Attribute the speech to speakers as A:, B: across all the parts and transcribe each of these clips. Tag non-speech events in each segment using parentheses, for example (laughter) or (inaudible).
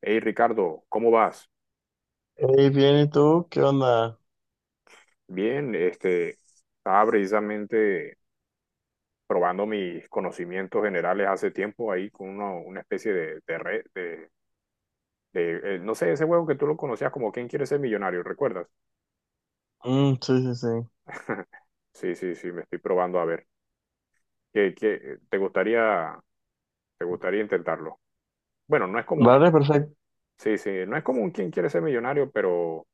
A: Hey Ricardo, ¿cómo vas?
B: Hey, bien, ¿y tú? ¿Qué onda?
A: Bien, estaba precisamente probando mis conocimientos generales hace tiempo ahí con una especie de, red, no sé, ese juego que tú lo conocías como ¿Quién quiere ser millonario? ¿Recuerdas?
B: Mm, sí, sí, sí.
A: (laughs) Sí, sí, sí, me estoy probando a ver. ¿Qué, qué- te gustaría, te gustaría intentarlo? Bueno, no es común,
B: Vale, perfecto.
A: sí, sí, no es común quién quiere ser millonario, pero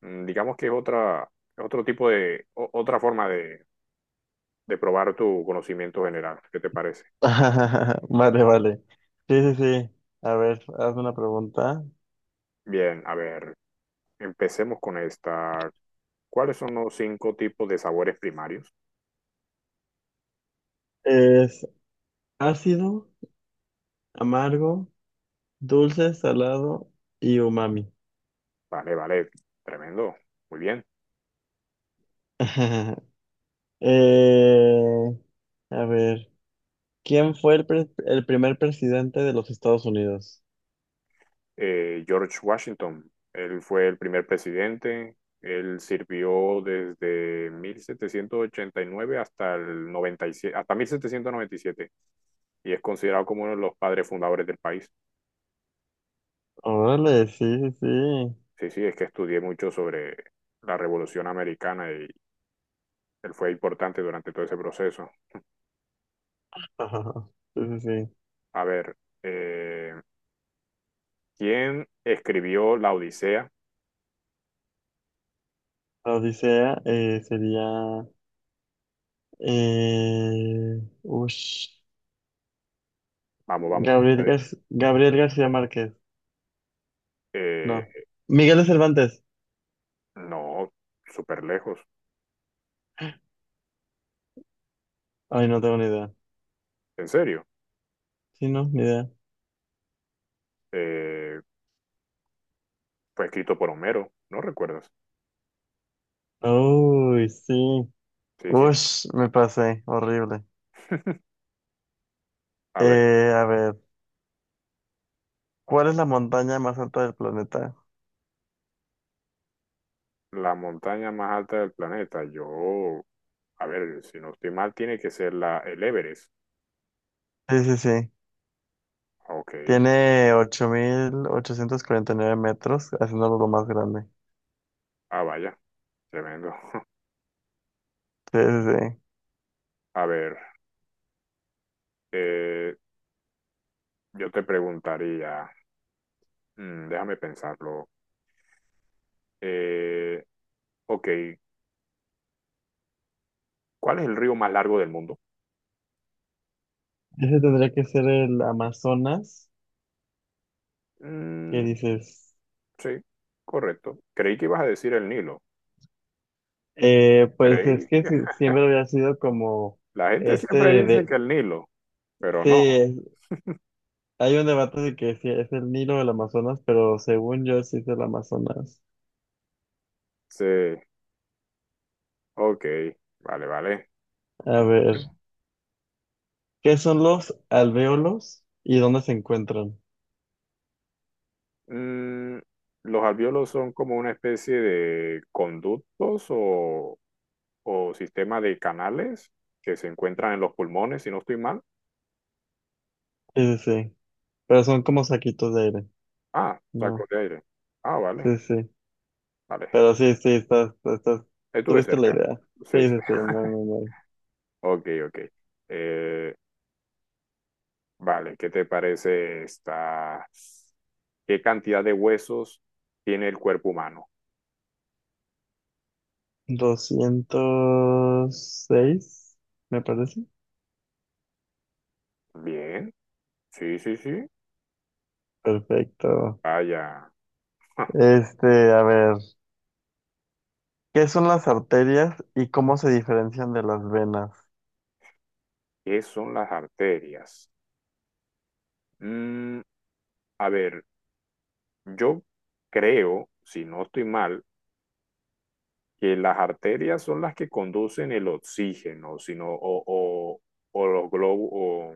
A: digamos que es otro tipo de, otra forma de, probar tu conocimiento general. ¿Qué te parece?
B: (laughs) Vale, vale. Sí, sí, sí. A ver, haz una pregunta.
A: Bien, a ver, empecemos con esta. ¿Cuáles son los cinco tipos de sabores primarios?
B: Es ácido, amargo, dulce, salado y umami.
A: Vale, vale, tremendo, muy bien.
B: (laughs) Eh, a ver, ¿quién fue el primer presidente de los Estados Unidos?
A: George Washington, él fue el primer presidente, él sirvió desde 1789 hasta el 97 hasta 1797 y siete y es considerado como uno de los padres fundadores del país.
B: Órale, sí, sí, sí.
A: Sí, sí, es que estudié mucho sobre la Revolución Americana y él fue importante durante todo ese proceso.
B: (laughs) Sí, sí, sí.
A: A ver, eh, ¿quién escribió La Odisea?
B: Odisea sería. Eh, Ush.
A: Vamos, vamos. Tú
B: Gabriel,
A: puedes.
B: Gar- Gabriel García Márquez.
A: Eh,
B: No. Miguel de Cervantes.
A: no, súper lejos.
B: Ay, no tengo ni idea.
A: En serio.
B: Sí, no, ni idea.
A: Eh, fue escrito por Homero. ¿No recuerdas?
B: Uy, sí.
A: Sí, sí.
B: Ush, me pasé. Horrible.
A: (laughs) A ver,
B: A ver, ¿cuál es la montaña más alta del planeta?
A: la montaña más alta del planeta. Yo, a ver, si no estoy mal, tiene que ser la, el Everest.
B: Sí, sí, sí.
A: Ah, ok.
B: Tiene 8849 metros, haciéndolo lo más grande.
A: Ah, vaya. Tremendo. (laughs)
B: Sí, sí, sí.
A: A ver, eh, yo te preguntaría, déjame pensarlo. Eh, ok, ¿cuál es el río más largo del mundo?
B: Ese tendría que ser el Amazonas, que
A: Mm,
B: dices.
A: Sí, correcto. Creí que ibas a decir el Nilo.
B: Pues es
A: Creí.
B: que
A: (laughs)
B: siempre había sido como
A: La gente
B: este
A: siempre dice que
B: de,
A: el Nilo, pero
B: sí,
A: no.
B: hay un debate de que si es el Nilo o el Amazonas, pero según yo sí es el Amazonas.
A: Sí, ok, vale, vale.
B: A
A: Estamos
B: ver, ¿qué son los alvéolos y dónde se encuentran?
A: bien. ¿Los alvéolos son como una especie de conductos o, sistema de canales que se encuentran en los pulmones, si no estoy mal?
B: Sí, sí, sí, pero son como saquitos de aire,
A: Ah, saco
B: ¿no?
A: de aire. Ah, vale,
B: Sí, sí,
A: vale.
B: pero sí, sí,
A: Estuve
B: tuviste la
A: cerca.
B: idea.
A: Sí,
B: Sí,
A: sí.
B: sí, sí, muy,
A: (laughs)
B: muy, muy.
A: Ok, ok. Eh, Vale, ¿qué te parece esta? ¿Qué cantidad de huesos tiene el cuerpo humano?
B: 206 me parece.
A: Bien, sí, sí, sí.
B: Perfecto.
A: Vaya, ja,
B: Este, a ver. ¿Qué son las arterias y cómo se diferencian de las venas?
A: ¿qué son las arterias? Mm, a ver, yo creo, si no estoy mal, que las arterias son las que conducen el oxígeno, sino, o los globos,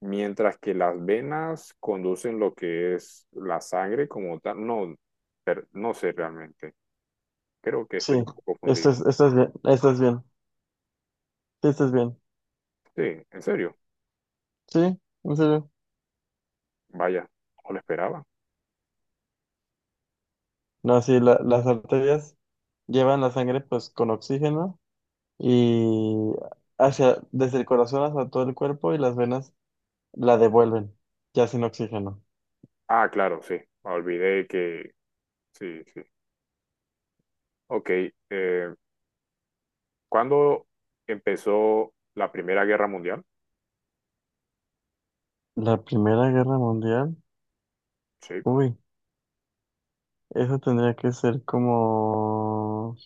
A: mientras que las venas conducen lo que es la sangre como tal. No, no sé realmente. Creo que estoy
B: Sí,
A: un poco fundido.
B: esto es bien, sí, esto es bien,
A: Sí, en serio.
B: sí, en serio.
A: Vaya, no lo esperaba.
B: No, sí, las arterias llevan la sangre pues con oxígeno y hacia, desde el corazón hasta todo el cuerpo y las venas la devuelven, ya sin oxígeno.
A: Ah, claro, sí. Me olvidé que... Sí, sí. Ok. eh, ¿cuándo empezó la Primera Guerra Mundial?
B: La Primera Guerra Mundial,
A: Sí.
B: uy, eso tendría que ser como...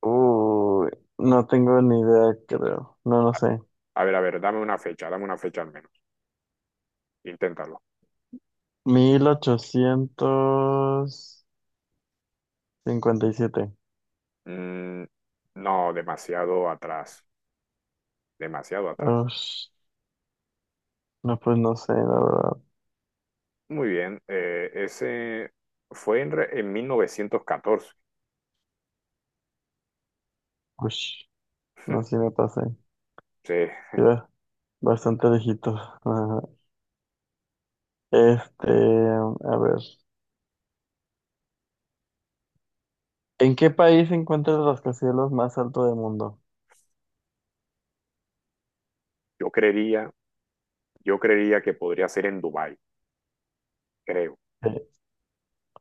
B: Uy, no tengo ni idea, creo, no, no sé.
A: A ver, dame una fecha al menos. Inténtalo.
B: 1857.
A: Mm, no, demasiado atrás. Demasiado atrás.
B: Ush, no, pues no sé, la verdad.
A: Muy bien. Ese fue en 1914.
B: Ush, no sé si
A: (laughs)
B: me pasé.
A: Sí,
B: Iba bastante lejitos. Ajá. Este, a ver. ¿En qué país se encuentra el rascacielos más alto del mundo?
A: yo creería, yo creería que podría ser en Dubái, creo.
B: Eh,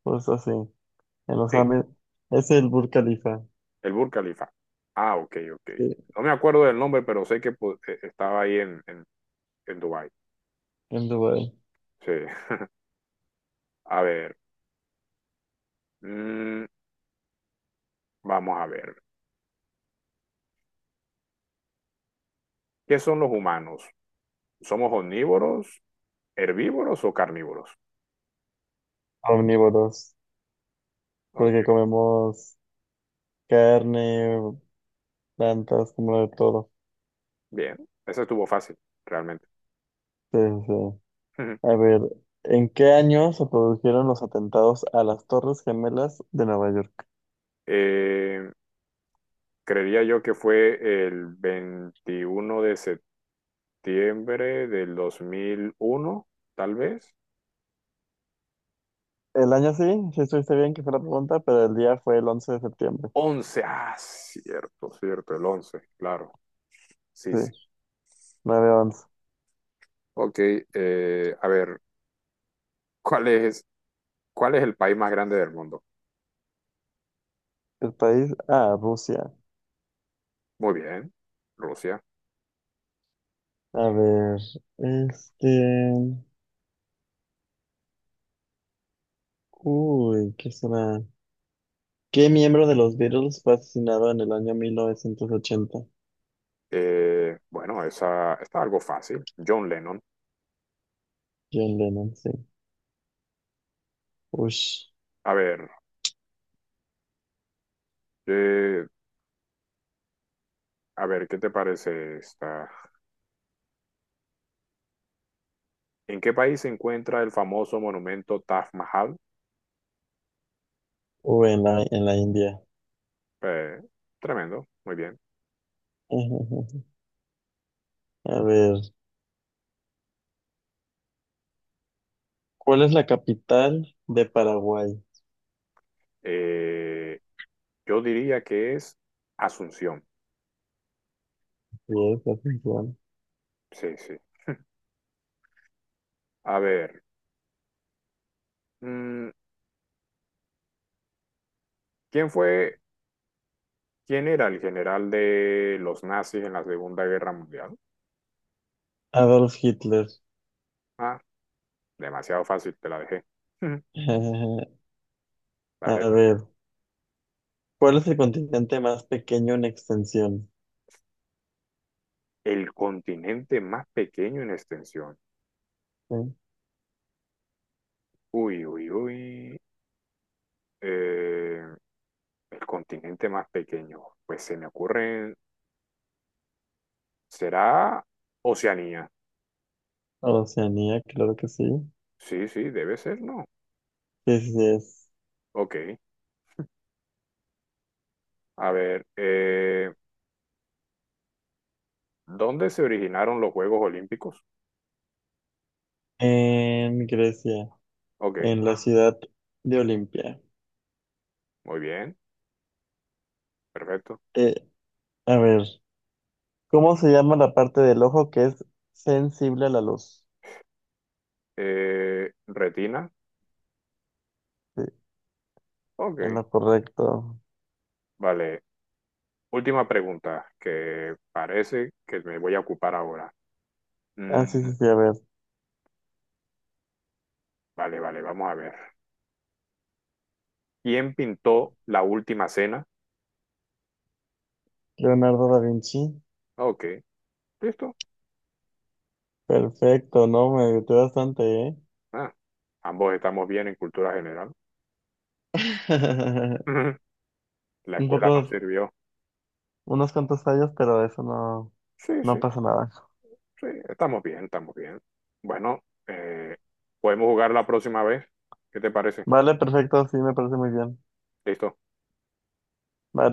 B: Justo así. En los
A: Sí.
B: Árabes. Es el Burj Khalifa.
A: El Burj Khalifa. Ah, ok, ok.
B: Sí,
A: No me acuerdo del nombre, pero sé que pues, estaba ahí en Dubái.
B: en Dubái.
A: Sí. A ver, mm, vamos a ver. ¿Qué son los humanos? ¿Somos omnívoros, herbívoros o carnívoros?
B: Omnívoros.
A: Ok,
B: Porque comemos carne, plantas, como de todo.
A: bien. Ese estuvo fácil, realmente.
B: Sí, sí, sí. A
A: (laughs)
B: ver, ¿en qué año se produjeron los atentados a las Torres Gemelas de Nueva York?
A: Eh, creería yo que fue el 21 de septiembre del 2001, tal vez.
B: El año sí, sí estuviste bien que fue la pregunta, pero el día fue el 11 de septiembre.
A: Once. Ah, cierto, cierto, el 11. Claro. Sí, sí.
B: Sí, 9/11.
A: Ok, a ver, ¿cuál es, cuál es el país más grande del mundo?
B: El país, ah, Rusia.
A: Muy bien, Rusia.
B: A ver, este... Uy, ¿qué será? ¿Qué miembro de los Beatles fue asesinado en el año 1980?
A: Bueno, esa está algo fácil. John Lennon.
B: John Lennon, sí. Ush.
A: A ver, eh, a ver, ¿qué te parece esta? ¿En qué país se encuentra el famoso monumento Taj Mahal?
B: Uy, en la India.
A: Eh, tremendo, muy bien.
B: (laughs) A ver, ¿cuál es la capital de Paraguay?
A: Eh, yo diría que es Asunción.
B: Sí, es atención.
A: Sí, sí. A ver, mm, ¿quién fue, quién era el general de los nazis en la Segunda Guerra Mundial?
B: Adolf Hitler.
A: Ah, demasiado fácil, te la dejé. Ujú.
B: (laughs)
A: ¿Vale?
B: A ver, ¿cuál es el continente más pequeño en extensión?
A: El continente más pequeño en extensión.
B: ¿Sí?
A: Uy, uy, uy. Eh, el continente más pequeño. Pues se me ocurre. ¿Será Oceanía?
B: Oceanía, claro que sí.
A: Sí, sí, debe ser, ¿no?
B: Sí, sí, sí es.
A: Ok. A ver. ¿Dónde se originaron los Juegos Olímpicos?
B: En Grecia,
A: Ok.
B: en la ciudad de Olimpia.
A: Muy bien. Perfecto.
B: Eh, a ver, ¿cómo se llama la parte del ojo que es sensible a la luz?
A: ¿Retina?
B: Sí, en
A: Ok.
B: lo correcto.
A: Vale. Última pregunta que parece que me voy a ocupar ahora. Mm,
B: Ah, sí, sí, sí, a ver.
A: Vale, vale, vamos a ver. ¿Quién pintó La Última Cena?
B: Leonardo da Vinci.
A: Ah, ok, listo.
B: Perfecto, no, me ayudó bastante, ¿eh?
A: Ah, ambos estamos bien en cultura general.
B: (laughs)
A: (laughs) La
B: Un
A: escuela
B: poco
A: nos sirvió.
B: unos cuantos años, pero eso no,
A: Sí,
B: no
A: sí,
B: pasa nada.
A: sí, estamos bien, estamos bien. Bueno, podemos jugar la próxima vez. ¿Qué te parece?
B: Vale, perfecto, sí, me parece muy bien.
A: Listo.
B: Vale.